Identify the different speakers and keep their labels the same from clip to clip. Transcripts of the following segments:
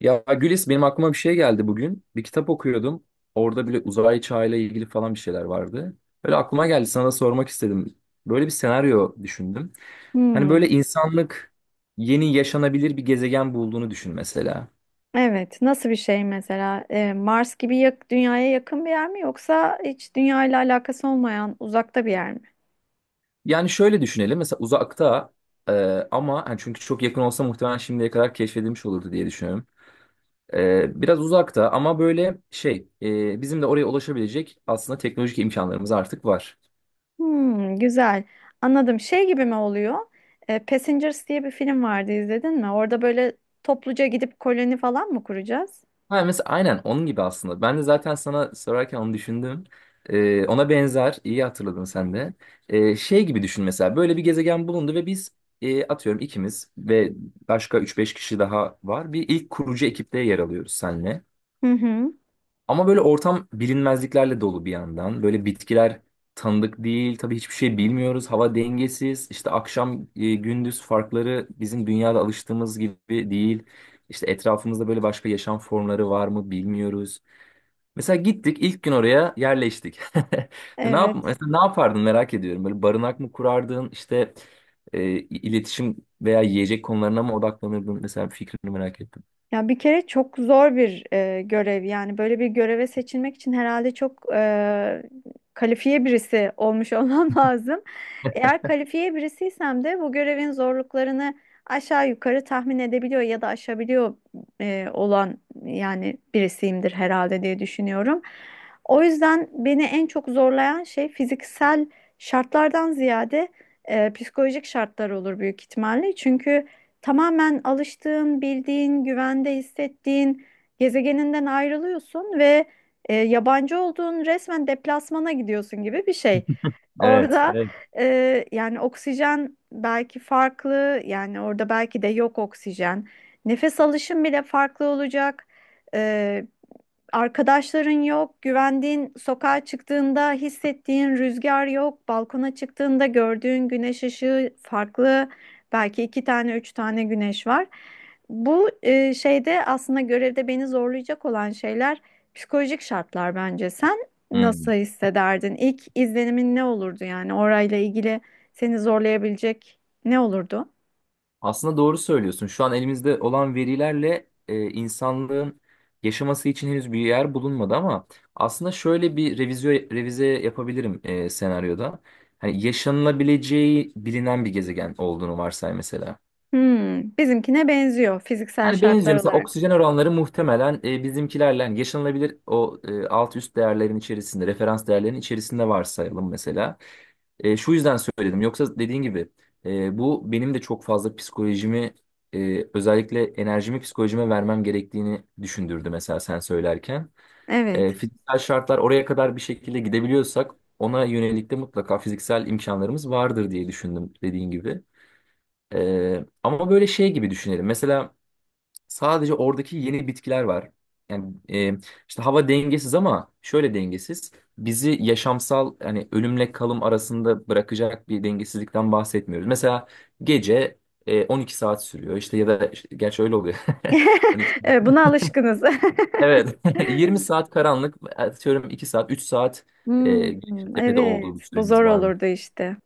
Speaker 1: Ya Gülis benim aklıma bir şey geldi bugün. Bir kitap okuyordum. Orada bile uzay çağıyla ilgili falan bir şeyler vardı. Böyle aklıma geldi sana da sormak istedim. Böyle bir senaryo düşündüm. Hani böyle
Speaker 2: Hmm,
Speaker 1: insanlık yeni yaşanabilir bir gezegen bulduğunu düşün mesela.
Speaker 2: evet. Nasıl bir şey mesela? Mars gibi dünyaya yakın bir yer mi yoksa hiç dünya ile alakası olmayan uzakta bir yer mi?
Speaker 1: Yani şöyle düşünelim mesela uzakta e, ama hani çünkü çok yakın olsa muhtemelen şimdiye kadar keşfedilmiş olurdu diye düşünüyorum. Biraz uzakta ama böyle şey bizim de oraya ulaşabilecek aslında teknolojik imkanlarımız artık var.
Speaker 2: Hmm, güzel. Anladım. Şey gibi mi oluyor? Passengers diye bir film vardı izledin mi? Orada böyle topluca gidip koloni falan mı kuracağız?
Speaker 1: Ha, mesela aynen onun gibi aslında. Ben de zaten sana sorarken onu düşündüm. Ona benzer, iyi hatırladın sen de. Şey gibi düşün mesela böyle bir gezegen bulundu ve biz atıyorum ikimiz ve başka üç beş kişi daha var. Bir ilk kurucu ekipte yer alıyoruz senle.
Speaker 2: Hı hı.
Speaker 1: Ama böyle ortam bilinmezliklerle dolu bir yandan. Böyle bitkiler tanıdık değil. Tabii hiçbir şey bilmiyoruz. Hava dengesiz. İşte akşam gündüz farkları bizim dünyada alıştığımız gibi değil. İşte etrafımızda böyle başka yaşam formları var mı bilmiyoruz. Mesela gittik ilk gün oraya yerleştik. Ne yap
Speaker 2: Evet.
Speaker 1: mesela ne yapardın merak ediyorum. Böyle barınak mı kurardın? İşte e, iletişim veya yiyecek konularına mı odaklanırdın? Mesela fikrini merak ettim.
Speaker 2: Ya bir kere çok zor bir görev, yani böyle bir göreve seçilmek için herhalde çok kalifiye birisi olmuş olmam lazım. Eğer kalifiye birisiysem de bu görevin zorluklarını aşağı yukarı tahmin edebiliyor ya da aşabiliyor olan yani birisiyimdir herhalde diye düşünüyorum. O yüzden beni en çok zorlayan şey fiziksel şartlardan ziyade psikolojik şartlar olur büyük ihtimalle. Çünkü tamamen alıştığın, bildiğin, güvende hissettiğin gezegeninden ayrılıyorsun ve yabancı olduğun, resmen deplasmana gidiyorsun gibi bir şey.
Speaker 1: Evet,
Speaker 2: Orada
Speaker 1: evet.
Speaker 2: yani oksijen belki farklı, yani orada belki de yok oksijen. Nefes alışın bile farklı olacak. E, Arkadaşların yok, güvendiğin sokağa çıktığında hissettiğin rüzgar yok, balkona çıktığında gördüğün güneş ışığı farklı, belki iki tane, üç tane güneş var. Bu e, şeyde aslında görevde beni zorlayacak olan şeyler psikolojik şartlar bence. Sen
Speaker 1: Hmm.
Speaker 2: nasıl hissederdin? İlk izlenimin ne olurdu yani orayla ilgili seni zorlayabilecek ne olurdu?
Speaker 1: Aslında doğru söylüyorsun. Şu an elimizde olan verilerle insanlığın yaşaması için henüz bir yer bulunmadı ama aslında şöyle bir revize yapabilirim senaryoda. Hani yaşanılabileceği bilinen bir gezegen olduğunu varsay mesela.
Speaker 2: Hmm, bizimkine benziyor fiziksel
Speaker 1: Yani benziyor.
Speaker 2: şartlar
Speaker 1: Mesela
Speaker 2: olarak.
Speaker 1: oksijen oranları muhtemelen bizimkilerle yani yaşanılabilir o alt üst değerlerin içerisinde, referans değerlerin içerisinde varsayalım mesela. Şu yüzden söyledim. Yoksa dediğin gibi bu benim de çok fazla psikolojimi özellikle enerjimi psikolojime vermem gerektiğini düşündürdü mesela sen söylerken.
Speaker 2: Evet.
Speaker 1: Fiziksel şartlar oraya kadar bir şekilde gidebiliyorsak ona yönelik de mutlaka fiziksel imkanlarımız vardır diye düşündüm dediğin gibi. Ama böyle şey gibi düşünelim. Mesela sadece oradaki yeni bitkiler var. Yani işte hava dengesiz ama şöyle dengesiz. Bizi yaşamsal hani ölümle kalım arasında bırakacak bir dengesizlikten bahsetmiyoruz. Mesela gece 12 saat sürüyor işte gerçi öyle oluyor. 12
Speaker 2: Evet,
Speaker 1: saat.
Speaker 2: buna alışkınız.
Speaker 1: Evet. 20 saat karanlık atıyorum 2 saat 3 saat e,
Speaker 2: Hmm,
Speaker 1: tepede olduğu bir
Speaker 2: evet, bu zor
Speaker 1: süremiz var mı?
Speaker 2: olurdu işte.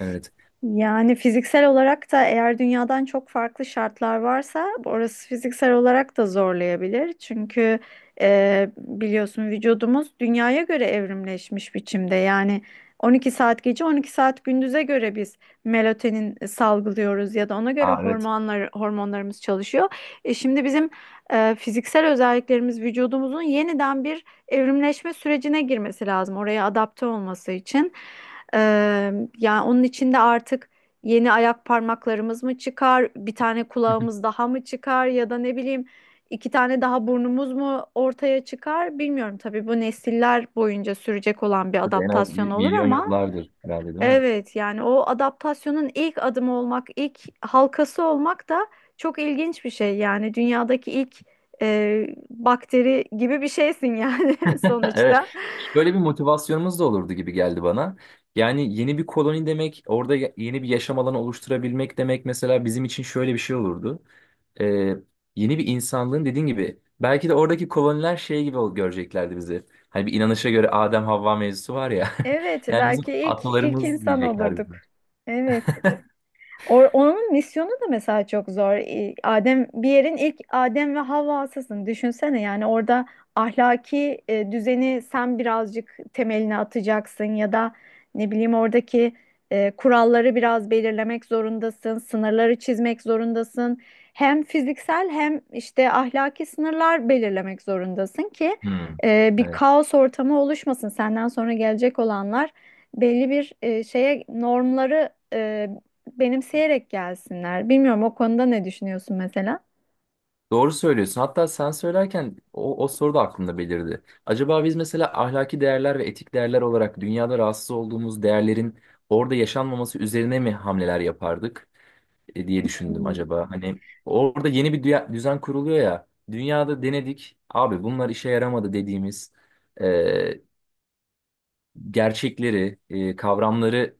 Speaker 1: Evet.
Speaker 2: Yani fiziksel olarak da eğer dünyadan çok farklı şartlar varsa, orası fiziksel olarak da zorlayabilir. Çünkü biliyorsun, vücudumuz dünyaya göre evrimleşmiş biçimde. Yani 12 saat gece 12 saat gündüze göre biz melatonin salgılıyoruz ya da ona göre
Speaker 1: Aa, evet.
Speaker 2: hormonlarımız çalışıyor. E şimdi bizim fiziksel özelliklerimiz, vücudumuzun yeniden bir evrimleşme sürecine girmesi lazım oraya adapte olması için. Ee, Yani onun içinde artık yeni ayak parmaklarımız mı çıkar, bir tane kulağımız daha mı çıkar ya da ne bileyim iki tane daha burnumuz mu ortaya çıkar bilmiyorum. Tabii bu nesiller boyunca sürecek olan bir
Speaker 1: Burada en az
Speaker 2: adaptasyon
Speaker 1: bir
Speaker 2: olur
Speaker 1: milyon
Speaker 2: ama
Speaker 1: yıllardır herhalde değil mi?
Speaker 2: evet, yani o adaptasyonun ilk adımı olmak, ilk halkası olmak da çok ilginç bir şey. Yani dünyadaki ilk bakteri gibi bir şeysin yani
Speaker 1: Evet.
Speaker 2: sonuçta.
Speaker 1: Böyle bir motivasyonumuz da olurdu gibi geldi bana. Yani yeni bir koloni demek, orada yeni bir yaşam alanı oluşturabilmek demek mesela bizim için şöyle bir şey olurdu. Ee, Yeni bir insanlığın dediğin gibi belki de oradaki koloniler şey gibi göreceklerdi bizi. Hani bir inanışa göre Adem Havva mevzusu var ya.
Speaker 2: Evet,
Speaker 1: Yani bizim
Speaker 2: belki ilk
Speaker 1: atalarımız
Speaker 2: insan
Speaker 1: diyecekler
Speaker 2: olurduk.
Speaker 1: bizim.
Speaker 2: Evet. Onun misyonu da mesela çok zor. Adem, bir yerin ilk Adem ve Havva'sısın. Düşünsene yani orada ahlaki düzeni sen birazcık, temelini atacaksın ya da ne bileyim oradaki kuralları biraz belirlemek zorundasın, sınırları çizmek zorundasın. Hem fiziksel hem işte ahlaki sınırlar belirlemek zorundasın ki
Speaker 1: Hmm.
Speaker 2: bir
Speaker 1: Evet.
Speaker 2: kaos ortamı oluşmasın. Senden sonra gelecek olanlar belli bir e, şeye normları e, benimseyerek gelsinler. Bilmiyorum, o konuda ne düşünüyorsun mesela?
Speaker 1: Doğru söylüyorsun. Hatta sen söylerken o soru da aklımda belirdi. Acaba biz mesela ahlaki değerler ve etik değerler olarak dünyada rahatsız olduğumuz değerlerin orada yaşanmaması üzerine mi hamleler yapardık diye düşündüm
Speaker 2: Hmm.
Speaker 1: acaba. Hani orada yeni bir düzen kuruluyor ya. Dünyada denedik. Abi bunlar işe yaramadı dediğimiz e, gerçekleri, kavramları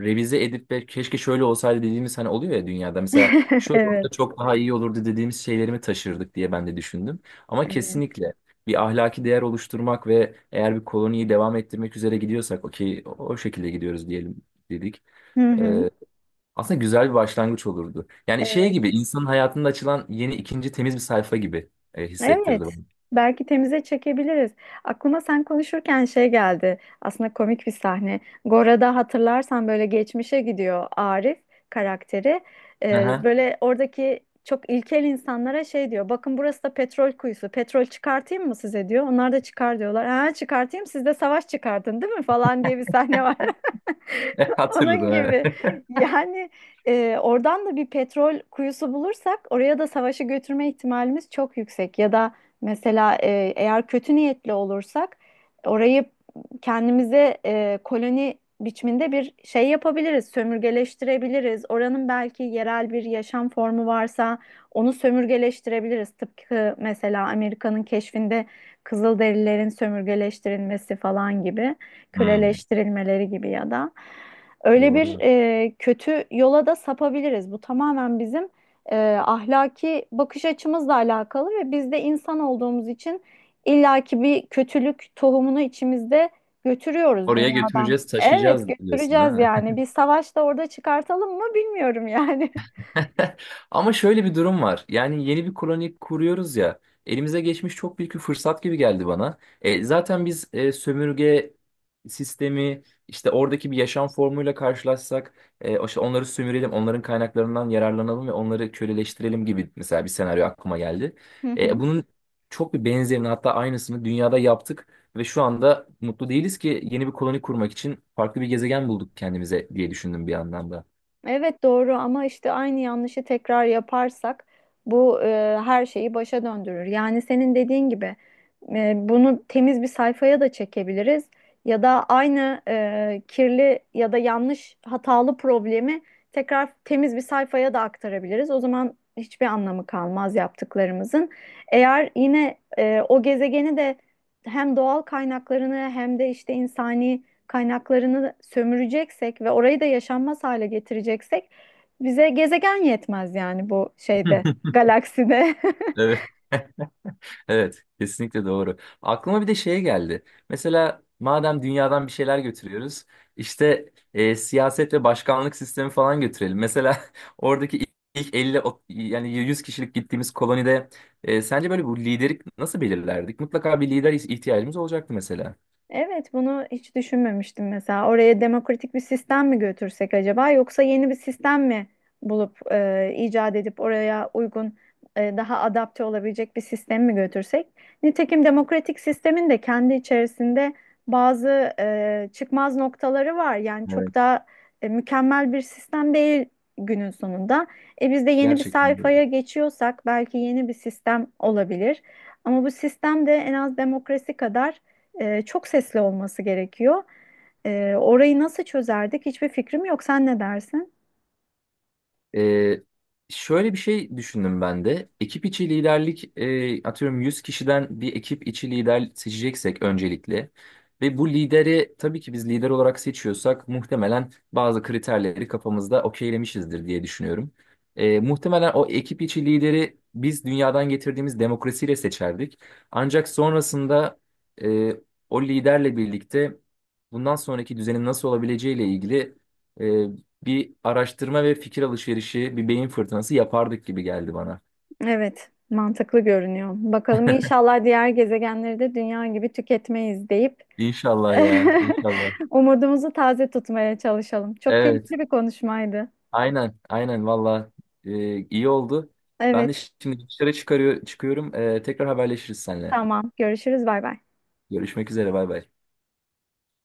Speaker 1: revize edip ve keşke şöyle olsaydı dediğimiz hani oluyor ya dünyada. Mesela şöyle olsa
Speaker 2: Evet.
Speaker 1: çok daha iyi olurdu dediğimiz şeylerimi taşırdık diye ben de düşündüm. Ama
Speaker 2: Evet.
Speaker 1: kesinlikle bir ahlaki değer oluşturmak ve eğer bir koloniyi devam ettirmek üzere gidiyorsak okey o şekilde gidiyoruz diyelim dedik.
Speaker 2: Hı hı.
Speaker 1: E, Aslında güzel bir başlangıç olurdu. Yani şey
Speaker 2: Evet.
Speaker 1: gibi insanın hayatında açılan yeni ikinci temiz bir sayfa gibi hissettirdi bana.
Speaker 2: Evet. Belki temize çekebiliriz. Aklıma sen konuşurken şey geldi. Aslında komik bir sahne. Gora'da hatırlarsan böyle geçmişe gidiyor Arif karakteri.
Speaker 1: Aha,
Speaker 2: Böyle oradaki çok ilkel insanlara şey diyor. Bakın, burası da petrol kuyusu. Petrol çıkartayım mı size diyor. Onlar da çıkar diyorlar. Ha çıkartayım, siz de savaş çıkartın değil mi falan diye bir sahne var. Onun
Speaker 1: hatırladım.
Speaker 2: gibi.
Speaker 1: Evet.
Speaker 2: Yani oradan da bir petrol kuyusu bulursak oraya da savaşı götürme ihtimalimiz çok yüksek. Ya da mesela eğer kötü niyetli olursak orayı kendimize koloni biçiminde bir şey yapabiliriz, sömürgeleştirebiliriz. Oranın belki yerel bir yaşam formu varsa onu sömürgeleştirebiliriz. Tıpkı mesela Amerika'nın keşfinde Kızılderililerin sömürgeleştirilmesi falan gibi,
Speaker 1: Hmm,
Speaker 2: köleleştirilmeleri gibi ya da öyle bir
Speaker 1: doğru.
Speaker 2: kötü yola da sapabiliriz. Bu tamamen bizim e, ahlaki bakış açımızla alakalı ve biz de insan olduğumuz için illaki bir kötülük tohumunu içimizde götürüyoruz
Speaker 1: Oraya
Speaker 2: dünyadan.
Speaker 1: götüreceğiz,
Speaker 2: Evet,
Speaker 1: taşıyacağız diyorsun
Speaker 2: götüreceğiz
Speaker 1: ha.
Speaker 2: yani. Bir savaş da orada çıkartalım mı bilmiyorum yani.
Speaker 1: Ama şöyle bir durum var. Yani yeni bir koloni kuruyoruz ya. Elimize geçmiş çok büyük bir fırsat gibi geldi bana. Zaten biz sömürge sistemi işte oradaki bir yaşam formuyla karşılaşsak işte onları sömürelim, onların kaynaklarından yararlanalım ve onları köleleştirelim gibi mesela bir senaryo aklıma geldi.
Speaker 2: Hı hı.
Speaker 1: Bunun çok bir benzerini hatta aynısını dünyada yaptık ve şu anda mutlu değiliz ki yeni bir koloni kurmak için farklı bir gezegen bulduk kendimize diye düşündüm bir yandan da.
Speaker 2: Evet doğru, ama işte aynı yanlışı tekrar yaparsak bu her şeyi başa döndürür. Yani senin dediğin gibi bunu temiz bir sayfaya da çekebiliriz ya da aynı kirli ya da yanlış hatalı problemi tekrar temiz bir sayfaya da aktarabiliriz. O zaman hiçbir anlamı kalmaz yaptıklarımızın. Eğer yine o gezegeni de hem doğal kaynaklarını hem de işte insani kaynaklarını sömüreceksek ve orayı da yaşanmaz hale getireceksek, bize gezegen yetmez yani bu galakside.
Speaker 1: Evet. Evet, kesinlikle doğru. Aklıma bir de şey geldi. Mesela madem dünyadan bir şeyler götürüyoruz, işte siyaset ve başkanlık sistemi falan götürelim. Mesela oradaki ilk 50 yani 100 kişilik gittiğimiz kolonide sence böyle bu lideri nasıl belirlerdik? Mutlaka bir lider ihtiyacımız olacaktı mesela.
Speaker 2: Evet, bunu hiç düşünmemiştim mesela. Oraya demokratik bir sistem mi götürsek acaba, yoksa yeni bir sistem mi bulup icat edip oraya uygun daha adapte olabilecek bir sistem mi götürsek? Nitekim demokratik sistemin de kendi içerisinde bazı çıkmaz noktaları var. Yani
Speaker 1: Evet.
Speaker 2: çok da mükemmel bir sistem değil günün sonunda. Biz de yeni bir
Speaker 1: Gerçekten.
Speaker 2: sayfaya geçiyorsak belki yeni bir sistem olabilir. Ama bu sistem de en az demokrasi kadar çok sesli olması gerekiyor. Orayı nasıl çözerdik? Hiçbir fikrim yok. Sen ne dersin?
Speaker 1: Ee, Şöyle bir şey düşündüm ben de. Ekip içi liderlik, atıyorum 100 kişiden bir ekip içi lider seçeceksek öncelikle ve bu lideri tabii ki biz lider olarak seçiyorsak muhtemelen bazı kriterleri kafamızda okeylemişizdir diye düşünüyorum. Muhtemelen o ekip içi lideri biz dünyadan getirdiğimiz demokrasiyle seçerdik. Ancak sonrasında e, o liderle birlikte bundan sonraki düzenin nasıl olabileceğiyle ilgili bir araştırma ve fikir alışverişi, bir beyin fırtınası yapardık gibi geldi bana.
Speaker 2: Evet, mantıklı görünüyor. Bakalım, inşallah diğer gezegenleri de dünya gibi tüketmeyiz deyip
Speaker 1: İnşallah ya, inşallah.
Speaker 2: umudumuzu taze tutmaya çalışalım. Çok
Speaker 1: Evet,
Speaker 2: keyifli bir konuşmaydı.
Speaker 1: aynen, aynen valla iyi oldu. Ben de
Speaker 2: Evet,
Speaker 1: şimdi dışarı çıkıyorum. Tekrar haberleşiriz seninle.
Speaker 2: tamam. Görüşürüz. Bay bay.
Speaker 1: Görüşmek üzere, bay bay.